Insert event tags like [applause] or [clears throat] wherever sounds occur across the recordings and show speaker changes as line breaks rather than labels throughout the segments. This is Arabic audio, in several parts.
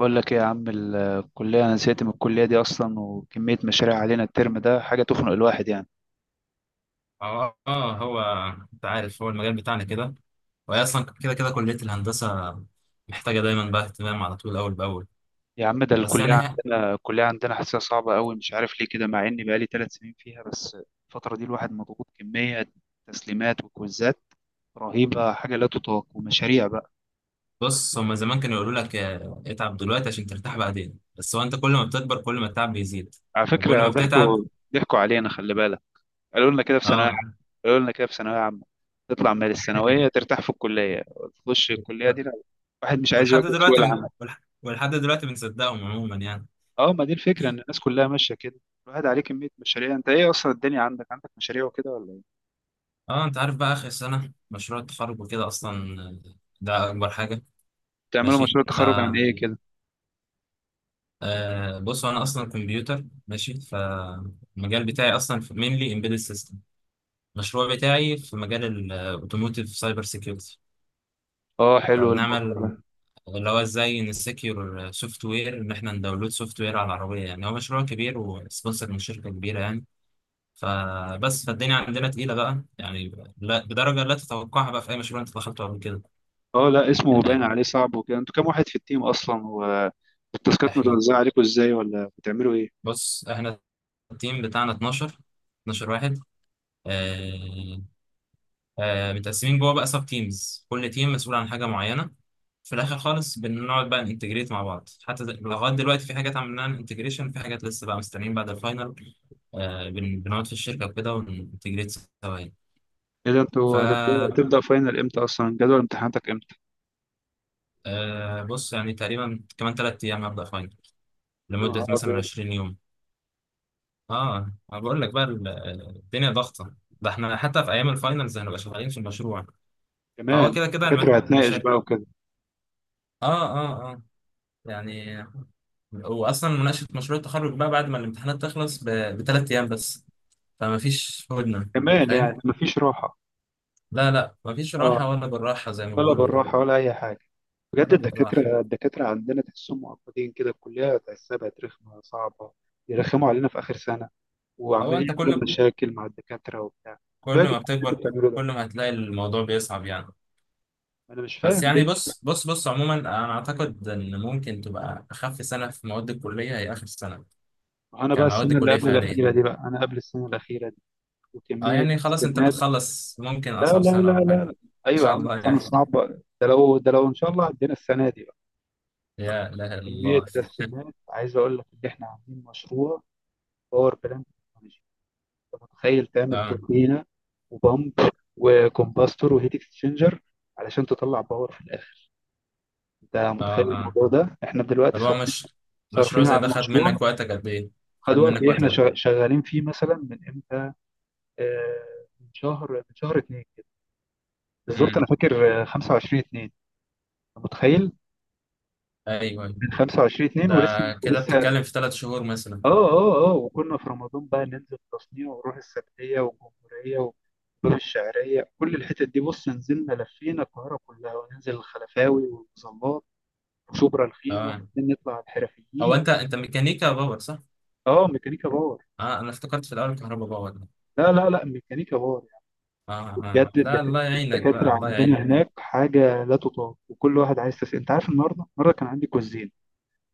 بقول لك ايه يا عم؟ الكلية انا زهقت من الكلية دي اصلا، وكمية مشاريع علينا الترم ده حاجة تخنق الواحد يعني.
هو انت عارف، هو المجال بتاعنا كده. وهي اصلا كده كليه الهندسه محتاجه دايما بقى اهتمام على طول، اول باول.
يا عم ده
بس
الكلية
يعني هي
عندنا الكلية عندنا حاسسها صعبة قوي، مش عارف ليه كده، مع اني بقالي ثلاث سنين فيها بس. الفترة دي الواحد مضغوط كمية تسليمات وكويزات رهيبة، حاجة لا تطاق، ومشاريع بقى.
بص، هما زمان كانوا يقولوا لك اتعب دلوقتي عشان ترتاح بعدين، بس هو انت كل ما بتكبر كل ما التعب بيزيد
على
وكل ما
فكرة
بتتعب.
ضحكوا علينا، خلي بالك. قالوا لنا كده في ثانوية
اه.
قالوا لنا كده في ثانوية عامة، تطلع من الثانوية
[laughs]
ترتاح في الكلية. تخش الكلية دي، لا، واحد مش عايز يواجه سوق العمل.
ولحد دلوقتي بنصدقهم عموما يعني.
اه، ما دي الفكره ان الناس كلها ماشيه كده، الواحد عليه كميه مشاريع. انت ايه اصلا الدنيا عندك مشاريع وكده ولا ايه؟
اه انت عارف بقى، اخر سنه مشروع التخرج وكده اصلا ده اكبر حاجه.
بتعملوا
ماشي
مشروع
ف
تخرج عن ايه كده؟
أه بص، انا اصلا كمبيوتر، ماشي فالمجال بتاعي اصلا، مينلي امبيدد سيستم. المشروع بتاعي في مجال الاوتوموتيف سايبر سيكيورتي.
اه حلو الموضوع
فبنعمل
ده.
اللي هو ازاي نسكيور سوفت وير ان احنا نداونلود سوفت وير على العربيه. يعني هو مشروع كبير وسبونسر من شركه كبيره يعني. فبس فالدنيا عندنا تقيله بقى يعني، لا بدرجه لا تتوقعها بقى في اي مشروع انت دخلته قبل كده.
اه لا، اسمه باين
أه
عليه صعب وكده. انتوا كام واحد في التيم اصلا، والتاسكات
احنا،
متوزعه عليكم ازاي، ولا بتعملوا ايه؟
بص، التيم بتاعنا 12، 12 واحد. آه، متقسمين جوه بقى سب تيمز، كل تيم مسؤول عن حاجه معينه. في الاخر خالص بنقعد بقى ننتجريت مع بعض. حتى لغايه دلوقتي في حاجات عملناها انتجريشن، في حاجات لسه بقى مستنيين بعد الفاينل. بنقعد في الشركه وكده وننتجريت سوا يعني.
ايه ده،
ف
انتوا هتبدا فاينل امتى اصلا؟ جدول امتحاناتك امتى؟
آه، بص يعني تقريبا كمان ثلاث ايام هبدا فاينل،
يا
لمده
نهار
مثلا
ابيض.
20 يوم. اه انا بقول لك بقى، الدنيا ضغطه، ده احنا حتى في ايام الفاينلز هنبقى شغالين في المشروع. فهو
كمان
كده كده
الدكاتره هتناقش
المشاريع.
بقى وكده.
اه يعني، واصلا مناقشه مشروع التخرج بقى بعد ما الامتحانات تخلص بثلاث ايام بس. فما فيش هدنه انت
كمان
فاهم.
يعني مفيش راحه.
لا لا، ما فيش
اه،
راحه ولا بالراحه زي ما
ولا
بيقولوا كده.
بالراحه ولا اي حاجه. بجد
ولا بالراحه.
الدكاترة عندنا تحسهم معقدين كده. الكلية تحسها بقت رخمة صعبة، يرخموا علينا في آخر سنة
هو
وعمالين
انت
يعملوا
كل
مشاكل مع الدكاترة وبتاع.
كل
انتوا يا
ما
جدعان اللي
بتكبر،
بتعملوا ده،
كل ما هتلاقي الموضوع بيصعب يعني.
أنا مش
بس
فاهم
يعني
ليه.
بص، عموما انا اعتقد ان ممكن تبقى اخف سنه في مواد الكليه هي اخر سنه،
أنا بقى
كمواد
السنة اللي
كليه
قبل
فعليه.
الأخيرة دي بقى، أنا قبل السنة الأخيرة دي
اه
وكمية
يعني خلاص، انت
استمات.
بتخلص ممكن
لا
اصعب
لا
سنه
لا لا
ولا حاجه ان
لا. أيوة يا
شاء
عم
الله
سنة
يعني.
صعبة. ده لو إن شاء الله عدينا السنة دي بقى،
يا لا
كمية
الله.
تسليمات. عايز أقول لك إن إحنا عاملين مشروع باور بلانت. انت متخيل
[laughs]
تعمل
اه
توربينه وبامب وكومباستور وهيت اكسشينجر علشان تطلع باور في الاخر؟ انت
اه
متخيل
اه
الموضوع ده؟ احنا دلوقتي
طب هو
صارفين
مش، مشروع
صارفين
زي
على
ده خد
المشروع.
منك وقتك قد ايه؟ خد
خد وقت
منك
ايه،
وقت
احنا
قد
شغالين فيه مثلا من امتى. آه من شهر اتنين كده،
ايه؟
بالظبط انا فاكر، 25 2، انت متخيل؟
ايوه ايوه.
من 25 2
ده
ولسه
كده
ولسه
بتتكلم في ثلاث شهور مثلا.
اه وكنا في رمضان بقى، ننزل تصنيع ونروح السبتية والجمهورية والباب الشعرية، كل الحتت دي. بص، نزلنا لفينا القاهرة كلها، وننزل الخلفاوي والمظلات وشبرا الخيمة
اه.
وبعدين نطلع على
او
الحرفيين.
انت، انت ميكانيكا باور صح؟
اه ميكانيكا باور.
اه انا افتكرت في الاول كهرباء باور ده.
لا لا لا، ميكانيكا باور يعني.
اه. اه
بجد
لا،
الدكات-
الله يعينك بقى،
الدكاترة
الله يعينك.
عندنا هناك حاجة لا تطاق. وكل واحد عايز تسأل. انت عارف النهاردة كان عندي كويزين،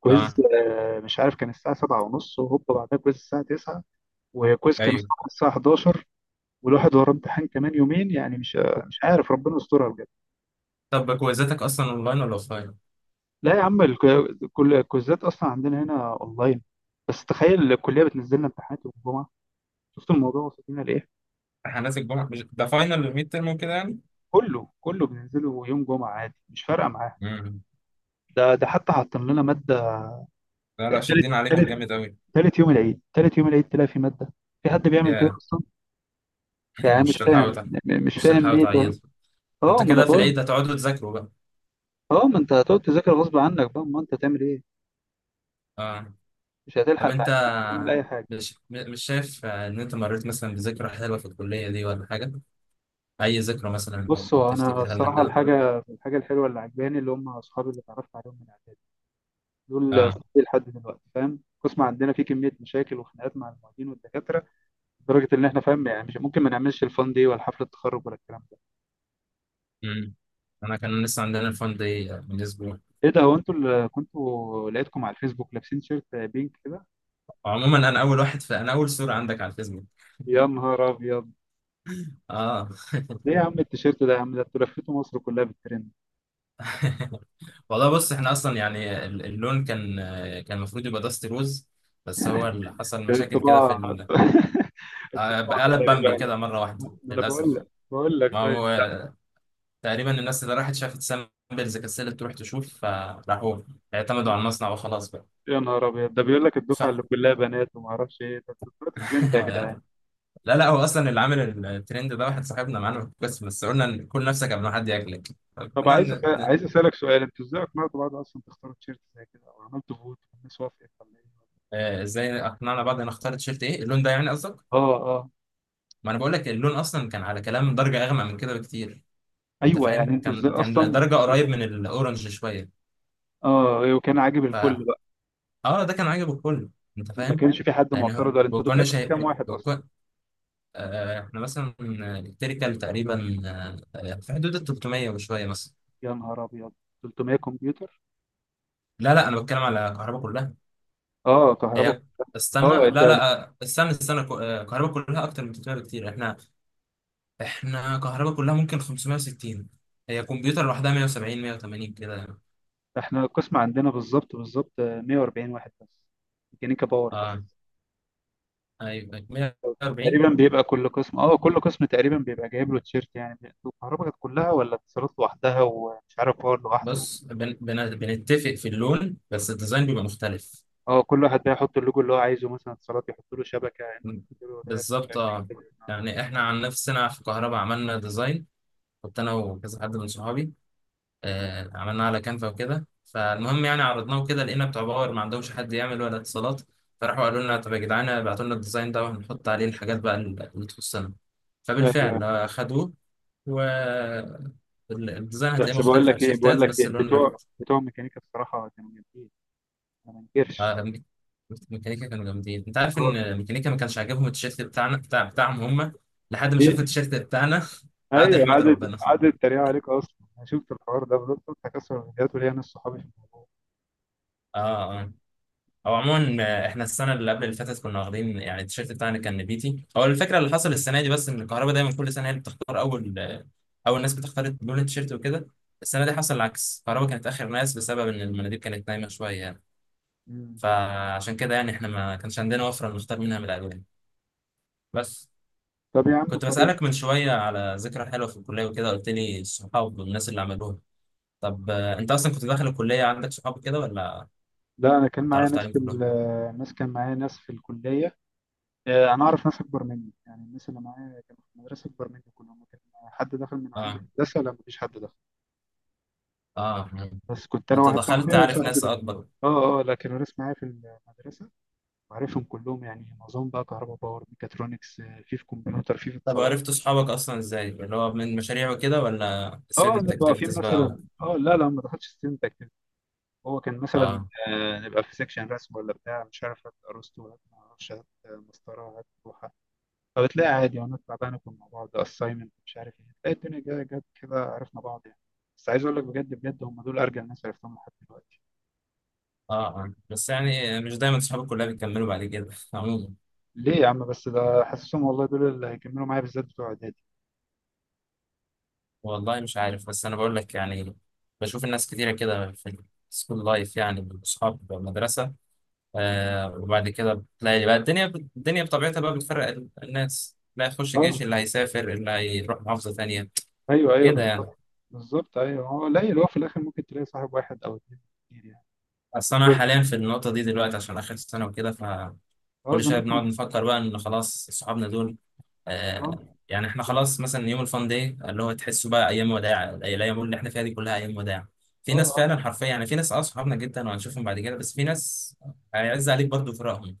كويز
اه
مش عارف كان الساعة سبعة ونص، وهوبا بعدها كويز الساعة تسعة، وكويز كان
ايوه.
الصبح الساعة 11. والواحد وراه امتحان كمان يومين يعني، مش عارف ربنا يسترها بجد.
طب كويزاتك اصلا اونلاين ولا اوفلاين؟
لا يا عم، كل الكوزات اصلا عندنا هنا اونلاين. بس تخيل الكليه بتنزل لنا امتحانات يوم الجمعه. شفت الموضوع وصل لنا لايه؟
امتحانات الجمعه، مش ده فاينل الميد ترم وكده يعني؟
كله بننزله يوم جمعه عادي، مش فارقه معاه.
امم.
ده حتى حاطين لنا ماده
لا لا،
تالت
شادين عليكم
تالت
جامد قوي.
تالت يوم العيد تلاقي في ماده. في حد بيعمل كده
يا
اصلا؟
[clears throat]
يعني
مش
مش
تلحقوا
فاهم
تع-
م- مش
مش
فاهم
تلحقوا
ليه ده.
تعيدوا. انت
اه ما انا
كده في
بقول.
العيد هتقعدوا تذاكروا بقى.
اه، ما انت هتقعد تذاكر غصب عنك بقى، ما انت تعمل ايه،
اه.
مش
طب
هتلحق
انت
تعمل اي حاجه.
مش، مش شايف ان انت مريت مثلا بذكرى حلوه في الكليه دي ولا حاجه؟ اي ذكرى مثلا
بص هو انا
تفتكرها لنا
الصراحه
كده.
الحاجه الحلوه اللي عجباني اللي هم اصحابي اللي اتعرفت عليهم من اعدادي، دول
اه.
اصحابي لحد دلوقتي، فاهم. القسم عندنا فيه كميه مشاكل وخناقات مع المعيدين والدكاتره، لدرجه ان احنا فاهم يعني مش ممكن ما نعملش الفان دي ولا حفله التخرج ولا الكلام ده.
امم. انا كان لسه عندنا الفان دي من اسبوع.
ايه ده، هو انتوا اللي كنتوا لقيتكم على الفيسبوك لابسين تيشيرت بينك كده؟
عموما انا اول واحد في، انا اول صوره عندك على الفيسبوك.
يا نهار ابيض.
اه.
ايه يا عم التيشيرت ده يا عم، ده انتوا لفيتوا مصر كلها بالترند.
[laughs] والله بص، احنا اصلا يعني اللون كان، كان المفروض يبقى داست روز، بس هو اللي حصل مشاكل كده في
الطباعه [laughs] الطباعه
قلب بامبي
تقريبا.
كده مره واحده
ما انا بقول
للاسف.
لك بقول لك
ما
طيب.
هو تقريبا الناس اللي راحت شافت سامبلز كسلت تروح تشوف، فراحوا اعتمدوا على المصنع وخلاص بقى.
يا نهار ابيض، ده بيقول لك الدفعه
صح.
اللي كلها بنات وما اعرفش ايه، طب انتوا طلعتوا ترند يا جدعان.
[laughs] لا لا، هو اصلا اللي عامل الترند ده واحد صاحبنا معانا، بس قلنا إن كل نفسك قبل ما حد ياكلك. طب
طب عايز اسالك سؤال، انتوا ازاي اقنعتوا بعض اصلا تختاروا تيشيرت زي كده، او عملتوا فوت والناس وافقت ولا ايه؟
ازاي اقنعنا بعض نختار تيشيرت ايه، اللون ده يعني قصدك؟
اه اه.
ما انا بقول لك، اللون اصلا كان على كلام درجه اغمق من كده بكتير. انت
ايوه يعني
فاهم،
انتوا
كان
ازاي
كان
اصلا.
درجه قريب من الاورنج شويه.
اه وكان عاجب الكل
ف
بقى؟
اه ده كان عاجب الكل. انت
ما
فاهم؟
كانش في حد
يعني
معترض؟ ولا انتوا
وكنا
دفعتوا
شايف،
كام واحد اصلا؟
احنا مثلا التركل تقريبا في حدود ال 300 وشويه مثلا.
يا نهار ابيض، 300 كمبيوتر؟
لا لا، انا بتكلم على الكهرباء كلها.
اه كهرباء.
هي استنى، لا
اه ده
لا، آه، استنى استنى ك- آه، الكهرباء كلها اكتر من 300 بكتير. احنا كهرباء كلها ممكن 560. هي كمبيوتر لوحدها 170، 180 كده يعني.
احنا القسم عندنا بالظبط، 140 واحد بس، ميكانيكا باور
اه
بس.
ايوه 140.
تقريبا بيبقى كل قسم تقريبا بيبقى جايب له تيشيرت يعني. انتوا الكهرباء كانت كلها ولا اتصالات لوحدها ومش عارف باور لوحده؟
بص بن بن بنتفق في اللون، بس الديزاين بيبقى مختلف.
اه، كل واحد بقى يحط اللوجو اللي هو عايزه، مثلا اتصالات يحط له شبكه، انت
م-
تحط له لاب، مش
بالظبط
عارف ايه
اه.
كده.
يعني احنا عن نفسنا في كهرباء عملنا ديزاين، كنت انا وكذا حد من صحابي، عملناه على كانفا وكده. فالمهم يعني، عرضناه كده لقينا بتوع باور ما عندهمش حد يعمل ولا اتصالات، فراحوا قالوا لنا طب يا جدعان ابعتوا لنا الديزاين ده وهنحط عليه الحاجات بقى اللي تخصنا.
ايوه.
فبالفعل خدوه. و الديزاين هتلاقيه
بس
مختلف
بقول
على
لك ايه بقول
التيشيرتات،
لك
بس
ايه
اللون واحد.
بتوع ميكانيكا بصراحه كانوا جامدين، ما منكرش.
آه، ميك- ميكانيكا كانوا جامدين. انت عارف
اه.
ان ميكانيكا ما كانش عاجبهم التيشيرت بتاعنا بتاعهم هم، لحد ما شافوا
ايه.
التيشيرت بتاعنا. [laughs] قعدوا
ايوه،
يحمدوا
قعدت
ربنا.
قعدت تريق عليك اصلا. انا شفت الحوار ده فضلت قلت هكسر الفيديوهات وليا ناس صحابي في الموضوع.
اه. آه. او عموما احنا السنه اللي قبل اللي فاتت كنا واخدين يعني التيشيرت بتاعنا كان نبيتي. هو الفكره اللي حصل السنه دي بس ان الكهرباء دايما كل سنه هي اللي بتختار اول، اول ناس بتختار لون التيشيرت وكده. السنه دي حصل العكس، الكهرباء كانت اخر ناس بسبب ان المناديب كانت نايمه شويه يعني.
مم.
فعشان كده يعني احنا ما كانش عندنا وفره نختار منها من الالوان. بس
طب يا عم
كنت بسالك
كويس.
من شويه على ذكرى حلوه في الكليه وكده، قلت لي الصحاب والناس اللي عملوها. طب انت اصلا كنت داخل الكليه عندك صحاب كده ولا
لا، انا
اتعرفت عليهم كلهم؟
كان معايا ناس في الكليه. انا اعرف ناس اكبر مني يعني، الناس اللي معايا كانوا في المدرسه اكبر مني كلهم. كان حد دخل من عندي
اه
هندسه؟ لا مفيش حد دخل.
اه يعني
بس كنت انا
انت
واحد
دخلت
صاحبي،
عارف
وصاحبي
ناس
ده.
اكبر.
اه اه. لكن الناس معايا في المدرسه وعارفهم كلهم يعني، معظمهم بقى كهرباء باور ميكاترونكس، في كمبيوتر، في
طب
اتصالات.
عرفت اصحابك اصلا ازاي؟ اللي هو من مشاريع وكده ولا
اه
student
نبقى واقفين
activities بقى و...
مثلا. اه لا لا، ما دخلتش ستودنت اكتيفيتي. هو كان مثلا،
اه
نبقى في سيكشن رسم ولا بتاع، مش عارف، هات ارسطو هات، ما اعرفش، هات مسطره، هات لوحه. فبتلاقي عادي وانا تعبان، ناكل مع بعض assignment مش عارف ايه، تلاقي الدنيا جت كده، عرفنا بعض يعني. بس عايز اقول لك بجد بجد هم دول ارجل ناس عرفتهم لحد دلوقتي
اه اه بس
يعني.
يعني مش دايما اصحاب الكليه بيكملوا بعد كده. [laughs] عموما
ليه يا عم بس، ده حاسسهم والله دول اللي هيكملوا معايا، بالذات بتوع اعدادي.
والله مش عارف، بس انا بقول لك يعني، بشوف الناس كتيره كده في السكول لايف يعني، اصحاب مدرسه. آه وبعد كده بتلاقي بقى الدنيا بطبيعتها بقى بتفرق الناس، اللي هيخش
اه.
جيش، اللي هيسافر، اللي هيروح محافظه تانيه،
ايوه ايوه
كده يعني.
بالظبط. بالظبط ايوه. هو قليل، هو في الاخر ممكن تلاقي صاحب واحد او اتنين كتير يعني.
اصل انا حاليا في النقطه دي دلوقتي عشان اخر سنه وكده،
اه
كل شويه
زمانكم.
بنقعد نفكر بقى ان خلاص صحابنا دول،
اه
آه يعني احنا
اه
خلاص مثلا يوم الفان داي اللي هو تحسه بقى ايام وداع. الايام اللي احنا فيها دي كلها ايام وداع. في ناس
آه.
فعلا حرفيا يعني، في ناس اه صحابنا جدا وهنشوفهم بعد كده، بس في ناس هيعز عليك برضه فراقهم.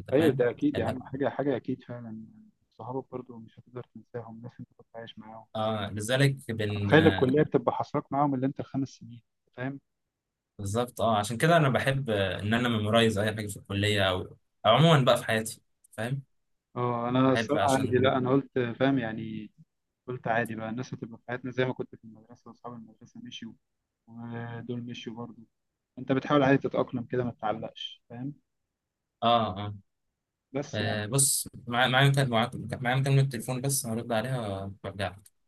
انت
ايوه
فاهم؟
ده اكيد يا
لا.
عم. حاجه حاجه اكيد فعلا. صحابك برضو مش هتقدر تنساهم، ناس انت كنت عايش معاهم.
اه لذلك بن
تخيل
آه،
الكليه بتبقى حصرك معاهم اللي انت الخمس سنين، فاهم.
بالظبط اه. عشان كده انا بحب ان انا ميمورايز اي حاجه في الكليه، او او عموما بقى في حياتي. فاهم؟
اه انا
بحب
الصراحه عادي،
عشان
لا انا قلت فاهم يعني. قلت عادي بقى، الناس هتبقى في حياتنا زي ما كنت في المدرسه واصحاب المدرسه مشيوا، ودول مشيوا برضو. انت بتحاول عادي تتاقلم كده، ما تتعلقش، فاهم؟
اه اه
بس يعني
آه بص، معايا معايا مكالمة تليفون، بس هرد عليها وارجع لك.